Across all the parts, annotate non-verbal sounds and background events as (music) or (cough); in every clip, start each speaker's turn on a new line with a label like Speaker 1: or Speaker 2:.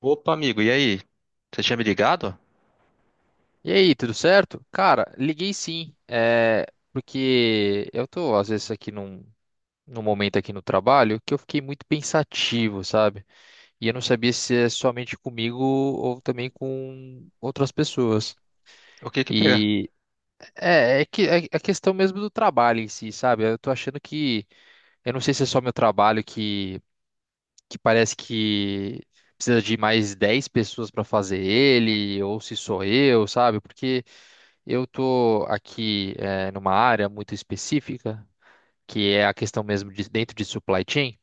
Speaker 1: Opa, amigo, e aí? Você tinha me ligado?
Speaker 2: E aí, tudo certo? Cara, liguei sim, porque eu tô às vezes aqui num momento aqui no trabalho que eu fiquei muito pensativo, sabe? E eu não sabia se é somente comigo ou também com outras pessoas.
Speaker 1: O que que pegar?
Speaker 2: E é que é a questão mesmo do trabalho em si, sabe? Eu tô achando que, Eu não sei se é só meu trabalho que parece que precisa de mais 10 pessoas para fazer ele, ou se sou eu, sabe? Porque eu tô aqui numa área muito específica, que é a questão mesmo de dentro de supply chain,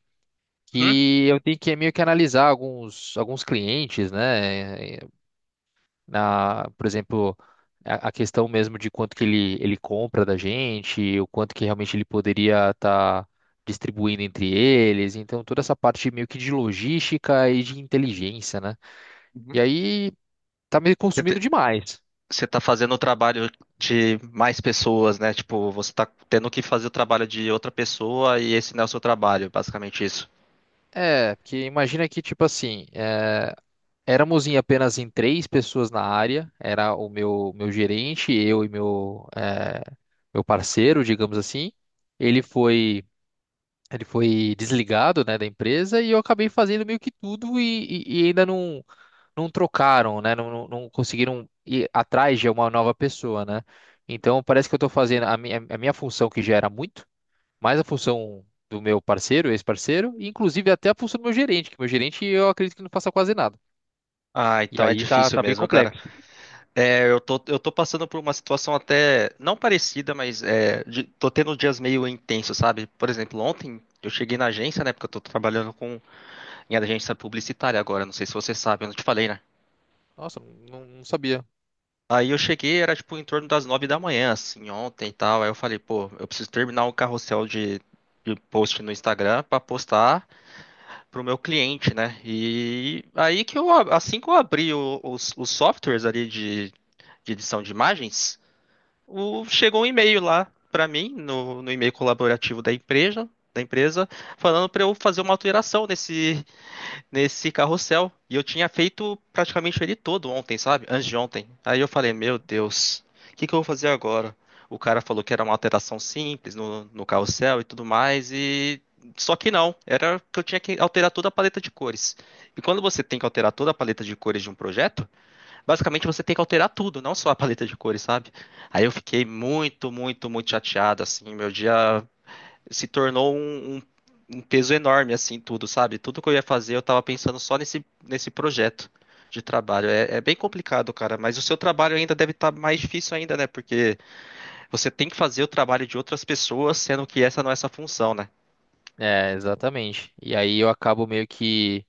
Speaker 1: Uhum.
Speaker 2: que eu tenho que meio que analisar alguns clientes, né? Na, por exemplo, a questão mesmo de quanto que ele compra da gente, o quanto que realmente ele poderia estar distribuindo entre eles. Então, toda essa parte meio que de logística e de inteligência, né?
Speaker 1: Uhum.
Speaker 2: E aí tá me
Speaker 1: Você
Speaker 2: consumindo
Speaker 1: te-
Speaker 2: demais.
Speaker 1: Você tá fazendo o trabalho de mais pessoas, né? Tipo, você tá tendo que fazer o trabalho de outra pessoa e esse não é o seu trabalho, basicamente isso.
Speaker 2: É, porque imagina que, tipo assim, éramos em apenas em três pessoas na área, era o meu gerente, eu e meu parceiro, digamos assim. Ele foi. Ele foi desligado, né, da empresa e eu acabei fazendo meio que tudo e ainda não trocaram, né, não conseguiram ir atrás de uma nova pessoa, né? Então parece que eu estou fazendo a a minha função que já era muito, mais a função do meu parceiro, ex-parceiro, e inclusive até a função do meu gerente, que meu gerente eu acredito que não faça quase nada.
Speaker 1: Ah,
Speaker 2: E
Speaker 1: então é
Speaker 2: aí
Speaker 1: difícil
Speaker 2: tá bem
Speaker 1: mesmo, cara.
Speaker 2: complexo.
Speaker 1: É, eu tô passando por uma situação até não parecida, mas tô tendo dias meio intensos, sabe? Por exemplo, ontem eu cheguei na agência, né? Porque eu tô trabalhando em agência publicitária agora, não sei se você sabe, eu não te falei, né?
Speaker 2: Nossa, não sabia.
Speaker 1: Aí eu cheguei, era tipo em torno das 9 da manhã, assim, ontem e tal. Aí eu falei, pô, eu preciso terminar um carrossel de post no Instagram pra postar pro meu cliente, né? E aí que eu, assim que eu abri os softwares ali de edição de imagens, chegou um e-mail lá pra mim, no e-mail colaborativo da empresa, falando pra eu fazer uma alteração nesse carrossel. E eu tinha feito praticamente ele todo ontem, sabe? Antes de ontem. Aí eu falei, meu Deus, o que que eu vou fazer agora? O cara falou que era uma alteração simples no carrossel e tudo mais, e só que não, era que eu tinha que alterar toda a paleta de cores. E quando você tem que alterar toda a paleta de cores de um projeto, basicamente você tem que alterar tudo, não só a paleta de cores, sabe? Aí eu fiquei muito, muito, muito chateado, assim, meu dia se tornou um peso enorme, assim, tudo, sabe? Tudo que eu ia fazer, eu tava pensando só nesse projeto de trabalho. É bem complicado, cara, mas o seu trabalho ainda deve estar mais difícil ainda, né? Porque você tem que fazer o trabalho de outras pessoas, sendo que essa não é essa função, né?
Speaker 2: É, exatamente. E aí eu acabo meio que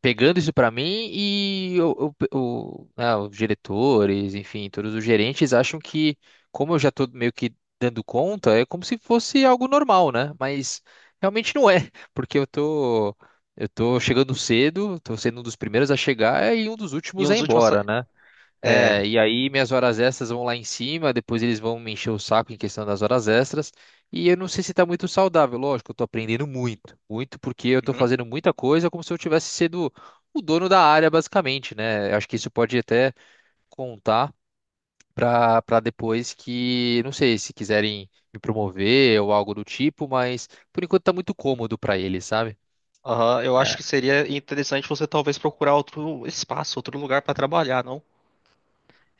Speaker 2: pegando isso pra mim e né, os diretores, enfim, todos os gerentes acham que, como eu já tô meio que dando conta, é como se fosse algo normal, né? Mas realmente não é, (laughs) porque eu tô chegando cedo, tô sendo um dos primeiros a chegar e um dos
Speaker 1: E um
Speaker 2: últimos a
Speaker 1: dos
Speaker 2: ir
Speaker 1: últimos.
Speaker 2: embora, né?
Speaker 1: É.
Speaker 2: É, e aí minhas horas extras vão lá em cima, depois eles vão me encher o saco em questão das horas extras. E eu não sei se tá muito saudável, lógico, eu tô aprendendo muito, muito porque eu tô
Speaker 1: Uhum.
Speaker 2: fazendo muita coisa como se eu tivesse sido o dono da área, basicamente, né? Eu acho que isso pode até contar pra depois que, não sei, se quiserem me promover ou algo do tipo, mas por enquanto tá muito cômodo pra eles, sabe?
Speaker 1: Aham, eu acho que seria interessante você talvez procurar outro espaço, outro lugar pra trabalhar, não?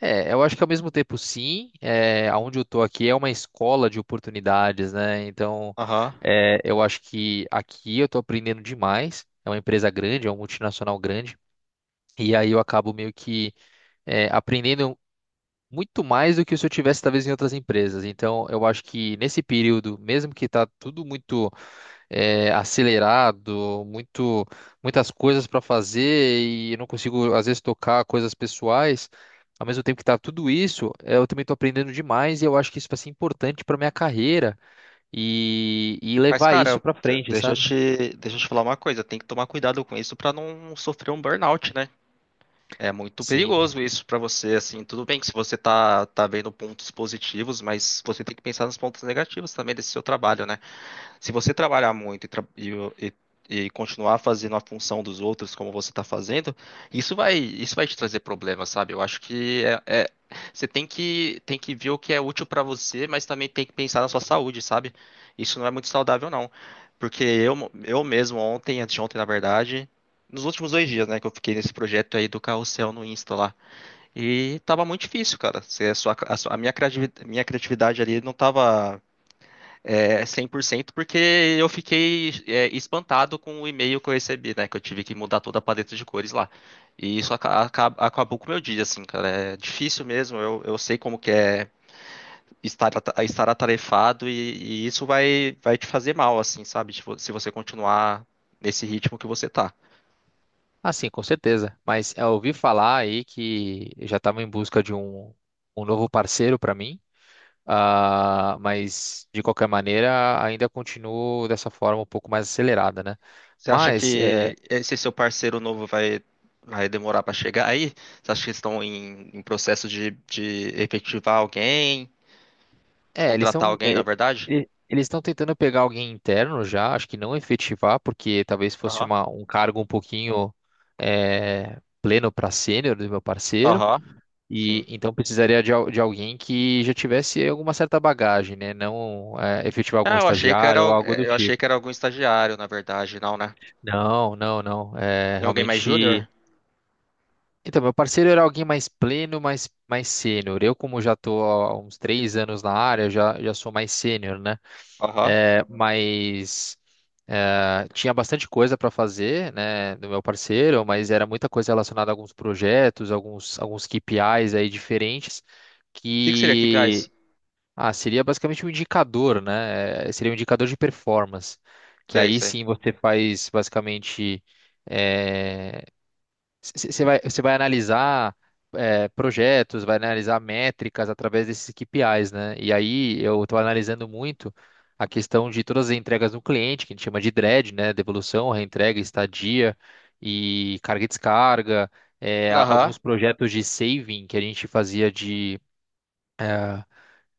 Speaker 2: É, eu acho que ao mesmo tempo sim, aonde eu tô aqui é uma escola de oportunidades, né? Então,
Speaker 1: Aham.
Speaker 2: eu acho que aqui eu tô aprendendo demais. É uma empresa grande, é uma multinacional grande, e aí eu acabo meio que aprendendo muito mais do que se eu tivesse talvez em outras empresas. Então, eu acho que nesse período, mesmo que tá tudo muito acelerado, muito, muitas coisas para fazer e eu não consigo, às vezes, tocar coisas pessoais. Ao mesmo tempo que tá tudo isso, eu também estou aprendendo demais e eu acho que isso vai ser importante para minha carreira e
Speaker 1: Mas,
Speaker 2: levar isso
Speaker 1: cara,
Speaker 2: para frente,
Speaker 1: deixa eu
Speaker 2: sabe?
Speaker 1: te, deixa eu te falar uma coisa, tem que tomar cuidado com isso pra não sofrer um burnout, né? É muito
Speaker 2: Sim.
Speaker 1: perigoso isso pra você, assim, tudo bem que se você tá vendo pontos positivos, mas você tem que pensar nos pontos negativos também desse seu trabalho, né? Se você trabalhar muito e- e continuar fazendo a função dos outros como você está fazendo, isso vai te trazer problemas, sabe? Eu acho que você tem que ver o que é útil para você, mas também tem que pensar na sua saúde, sabe? Isso não é muito saudável, não. Porque eu mesmo, ontem, antes de ontem, na verdade, nos últimos 2 dias, né, que eu fiquei nesse projeto aí do carrossel no Insta lá. E tava muito difícil, cara. Se A, sua, a, sua- Minha criatividade ali não tava 100% porque eu fiquei espantado com o e-mail que eu recebi, né? Que eu tive que mudar toda a paleta de cores lá. E isso acabou com o meu dia, assim, cara. É difícil mesmo, eu sei como que é estar atarefado e isso vai te fazer mal, assim, sabe? Tipo, se você continuar nesse ritmo que você tá.
Speaker 2: Ah, sim, com certeza. Mas eu ouvi falar aí que já estava em busca de um novo parceiro para mim. Ah, mas de qualquer maneira ainda continuo dessa forma um pouco mais acelerada, né?
Speaker 1: Você acha
Speaker 2: Mas
Speaker 1: que
Speaker 2: é,
Speaker 1: esse seu parceiro novo vai demorar pra chegar aí? Você acha que eles estão em processo de efetivar alguém, de
Speaker 2: É, eles
Speaker 1: contratar
Speaker 2: estão
Speaker 1: alguém, na verdade?
Speaker 2: eles estão tentando pegar alguém interno já, acho que não efetivar, porque talvez fosse
Speaker 1: Aham.
Speaker 2: um cargo um pouquinho pleno para sênior do meu parceiro,
Speaker 1: Aham. Sim.
Speaker 2: e então precisaria de alguém que já tivesse alguma certa bagagem, né? Não é, efetivar algum
Speaker 1: Ah,
Speaker 2: estagiário ou algo do
Speaker 1: eu achei
Speaker 2: tipo.
Speaker 1: que era algum estagiário, na verdade, não, né?
Speaker 2: Não, não, não. É,
Speaker 1: É alguém mais júnior?
Speaker 2: realmente. Então, meu parceiro era alguém mais pleno, mais sênior. Eu, como já estou há uns 3 anos na área, já sou mais sênior, né?
Speaker 1: Aham.
Speaker 2: É,
Speaker 1: O
Speaker 2: mas tinha bastante coisa para fazer, né, do meu parceiro, mas era muita coisa relacionada a alguns projetos, alguns KPIs aí diferentes,
Speaker 1: que que seria KPIs?
Speaker 2: que ah, seria basicamente um indicador, né? Seria um indicador de performance, que
Speaker 1: Sei,
Speaker 2: aí
Speaker 1: sei.
Speaker 2: sim você faz basicamente é, você você vai analisar projetos, vai analisar métricas através desses KPIs, né? E aí eu estou analisando muito a questão de todas as entregas no cliente, que a gente chama de DRED, né? Devolução, reentrega, estadia e carga e descarga. é, a-
Speaker 1: Aham.
Speaker 2: alguns projetos de saving que a gente fazia eh,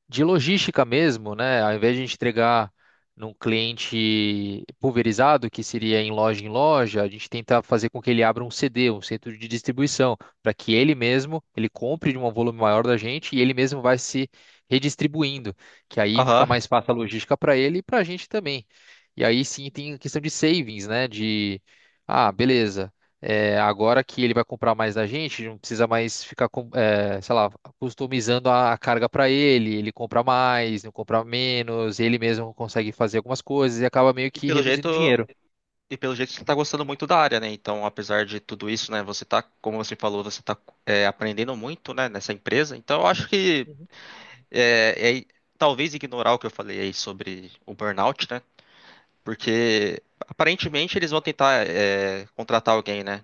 Speaker 2: de logística mesmo, né? Ao invés de a gente entregar num cliente pulverizado, que seria em loja, a gente tenta fazer com que ele abra um CD, um centro de distribuição, para que ele mesmo, ele compre de um volume maior da gente e ele mesmo vai se redistribuindo, que aí fica
Speaker 1: Aham.
Speaker 2: mais fácil a logística para ele e para a gente também. E aí sim tem a questão de savings, né? Ah, beleza. Agora que ele vai comprar mais da gente, não precisa mais ficar sei lá, customizando a carga para ele, ele compra mais, não compra menos, ele mesmo consegue fazer algumas coisas e acaba meio
Speaker 1: E
Speaker 2: que
Speaker 1: pelo
Speaker 2: reduzindo
Speaker 1: jeito,
Speaker 2: dinheiro.
Speaker 1: e pelo jeito você tá gostando muito da área, né? Então, apesar de tudo isso, né, você tá, como você falou, você tá aprendendo muito, né, nessa empresa. Então, eu acho que
Speaker 2: Uhum.
Speaker 1: é, é, talvez ignorar o que eu falei aí sobre o burnout, né? Porque aparentemente eles vão tentar contratar alguém, né,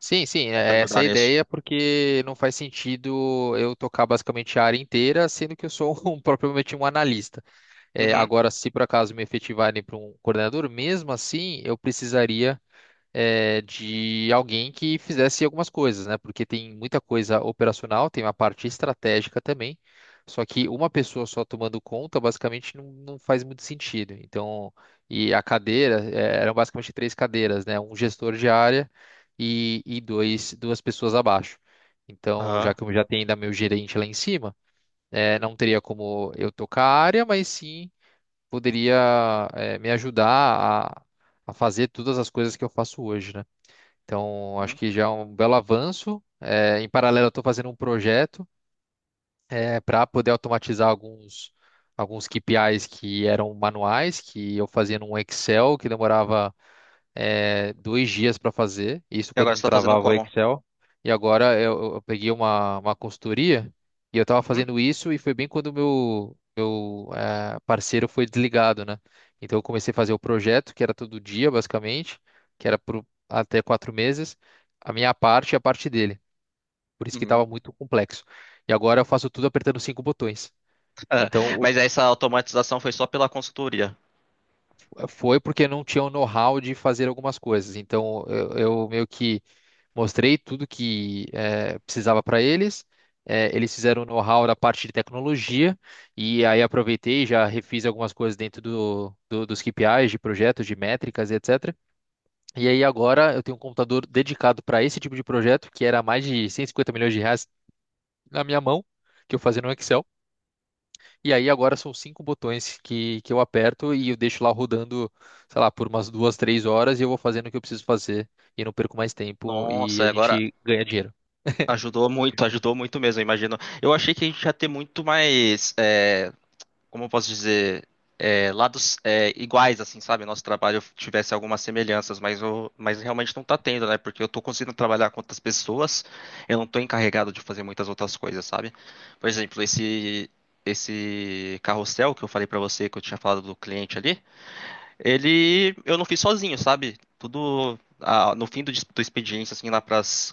Speaker 2: Sim, sim,
Speaker 1: pra te
Speaker 2: essa é
Speaker 1: ajudar
Speaker 2: a
Speaker 1: nisso.
Speaker 2: ideia, porque não faz sentido eu tocar basicamente a área inteira, sendo que eu sou (laughs) propriamente um analista. É,
Speaker 1: Uhum.
Speaker 2: agora, se por acaso me efetivarem para um coordenador, mesmo assim, eu precisaria de alguém que fizesse algumas coisas, né? Porque tem muita coisa operacional, tem uma parte estratégica também. Só que uma pessoa só tomando conta, basicamente, não faz muito sentido. Então, e a cadeira, eram basicamente três cadeiras, né? Um gestor de área e duas pessoas abaixo. Então, já
Speaker 1: Aham.
Speaker 2: que eu já tenho ainda meu gerente lá em cima, não teria como eu tocar a área, mas sim poderia, me ajudar a, a fazer todas as coisas que eu faço hoje, né? Então, acho
Speaker 1: Né?
Speaker 2: que já é um belo avanço. Em paralelo, eu estou fazendo um projeto para poder automatizar alguns KPIs que eram manuais, que eu fazia num Excel, que demorava 2 dias para fazer, isso
Speaker 1: E
Speaker 2: quando
Speaker 1: agora
Speaker 2: não
Speaker 1: você tá fazendo
Speaker 2: travava o
Speaker 1: como?
Speaker 2: Excel. E agora eu peguei uma consultoria e eu estava
Speaker 1: Uhum.
Speaker 2: fazendo isso e foi bem quando meu parceiro foi desligado, né? Então eu comecei a fazer o projeto, que era todo dia, basicamente, que era por até 4 meses, a minha parte e a parte dele. Por isso que
Speaker 1: Uhum.
Speaker 2: estava
Speaker 1: (laughs)
Speaker 2: muito complexo. E agora eu faço tudo apertando cinco botões.
Speaker 1: Ah,
Speaker 2: Então,
Speaker 1: mas essa automatização foi só pela consultoria.
Speaker 2: foi porque não tinha o know-how de fazer algumas coisas. Então, eu meio que mostrei tudo que precisava para eles. Eles fizeram o know-how da parte de tecnologia. E aí, aproveitei e já refiz algumas coisas dentro dos KPIs, de projetos, de métricas, e etc. E aí, agora, eu tenho um computador dedicado para esse tipo de projeto, que era mais de 150 milhões de reais na minha mão, que eu fazia no Excel. E aí agora são cinco botões que eu aperto e eu deixo lá rodando, sei lá, por umas 2, 3 horas e eu vou fazendo o que eu preciso fazer e não perco mais tempo e
Speaker 1: Nossa,
Speaker 2: a
Speaker 1: agora
Speaker 2: gente ganha dinheiro.
Speaker 1: ajudou muito, (laughs) ajudou muito mesmo, eu imagino. Eu achei que a gente ia ter muito mais, como eu posso dizer, lados iguais, assim, sabe? Nosso trabalho tivesse algumas semelhanças, mas realmente não tá tendo, né? Porque eu tô conseguindo trabalhar com outras pessoas, eu não tô encarregado de fazer muitas outras coisas, sabe? Por exemplo, esse carrossel que eu falei pra você, que eu tinha falado do cliente ali. Ele, eu não fiz sozinho, sabe? Tudo no fim do expediente, assim, lá pras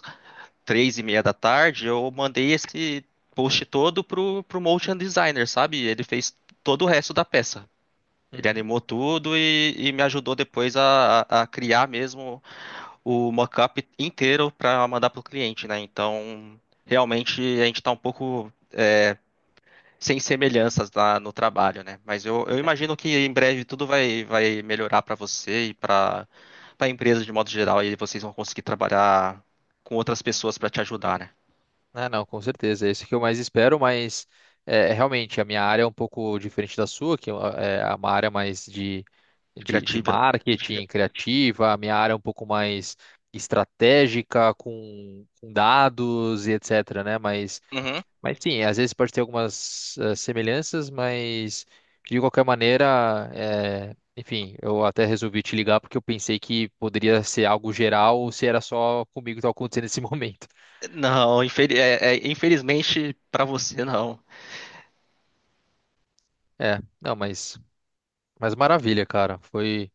Speaker 1: 3:30 da tarde, eu mandei esse post todo pro motion designer, sabe? Ele fez todo o resto da peça. Ele
Speaker 2: Uhum.
Speaker 1: animou tudo e me ajudou depois a criar mesmo o mockup inteiro para mandar pro cliente, né? Então, realmente a gente tá um pouco sem semelhanças lá no trabalho, né? Mas eu imagino que em breve tudo vai melhorar para você e para a empresa de modo geral, e vocês vão conseguir trabalhar com outras pessoas para te ajudar, né?
Speaker 2: Ah, não, com certeza. É isso que eu mais espero, mas realmente a minha área é um pouco diferente da sua, que é uma área mais
Speaker 1: De
Speaker 2: de
Speaker 1: Criativa. de cria-
Speaker 2: marketing criativa, a minha área é um pouco mais estratégica com dados e etc, né? Mas
Speaker 1: Uhum.
Speaker 2: Mas sim, às vezes pode ter algumas semelhanças, mas de qualquer maneira, enfim, eu até resolvi te ligar porque eu pensei que poderia ser algo geral ou se era só comigo que estava acontecendo nesse (laughs) momento.
Speaker 1: Não, infelizmente para você não.
Speaker 2: É, não, mas maravilha, cara.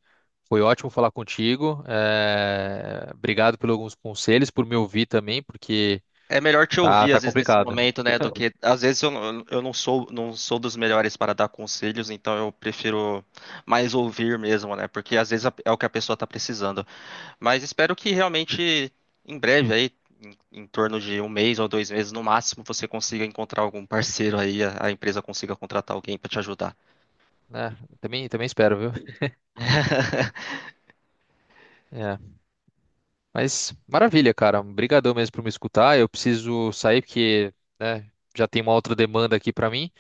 Speaker 2: Foi ótimo falar contigo. Obrigado por alguns conselhos, por me ouvir também, porque
Speaker 1: É melhor te ouvir
Speaker 2: tá
Speaker 1: às vezes nesse
Speaker 2: complicado,
Speaker 1: momento, né? Do
Speaker 2: (laughs)
Speaker 1: que às vezes eu não sou dos melhores para dar conselhos, então eu prefiro mais ouvir mesmo, né? Porque às vezes é o que a pessoa está precisando. Mas espero que realmente em breve aí, em torno de um mês ou 2 meses no máximo, você consiga encontrar algum parceiro aí, a empresa consiga contratar alguém para te ajudar.
Speaker 2: né? Também, também espero, viu?
Speaker 1: (laughs)
Speaker 2: É. Mas maravilha, cara. Obrigadão mesmo por me escutar. Eu preciso sair porque, né, já tem uma outra demanda aqui pra mim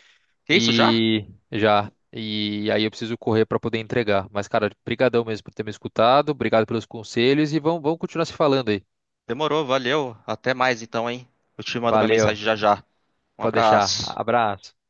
Speaker 1: É isso já?
Speaker 2: e já e aí eu preciso correr pra poder entregar. Mas, cara, brigadão mesmo por ter me escutado. Obrigado pelos conselhos e vamos continuar se falando aí.
Speaker 1: Demorou, valeu. Até mais então, hein? Eu te mando uma
Speaker 2: Valeu.
Speaker 1: mensagem já já. Um
Speaker 2: Pode deixar.
Speaker 1: abraço.
Speaker 2: Abraço.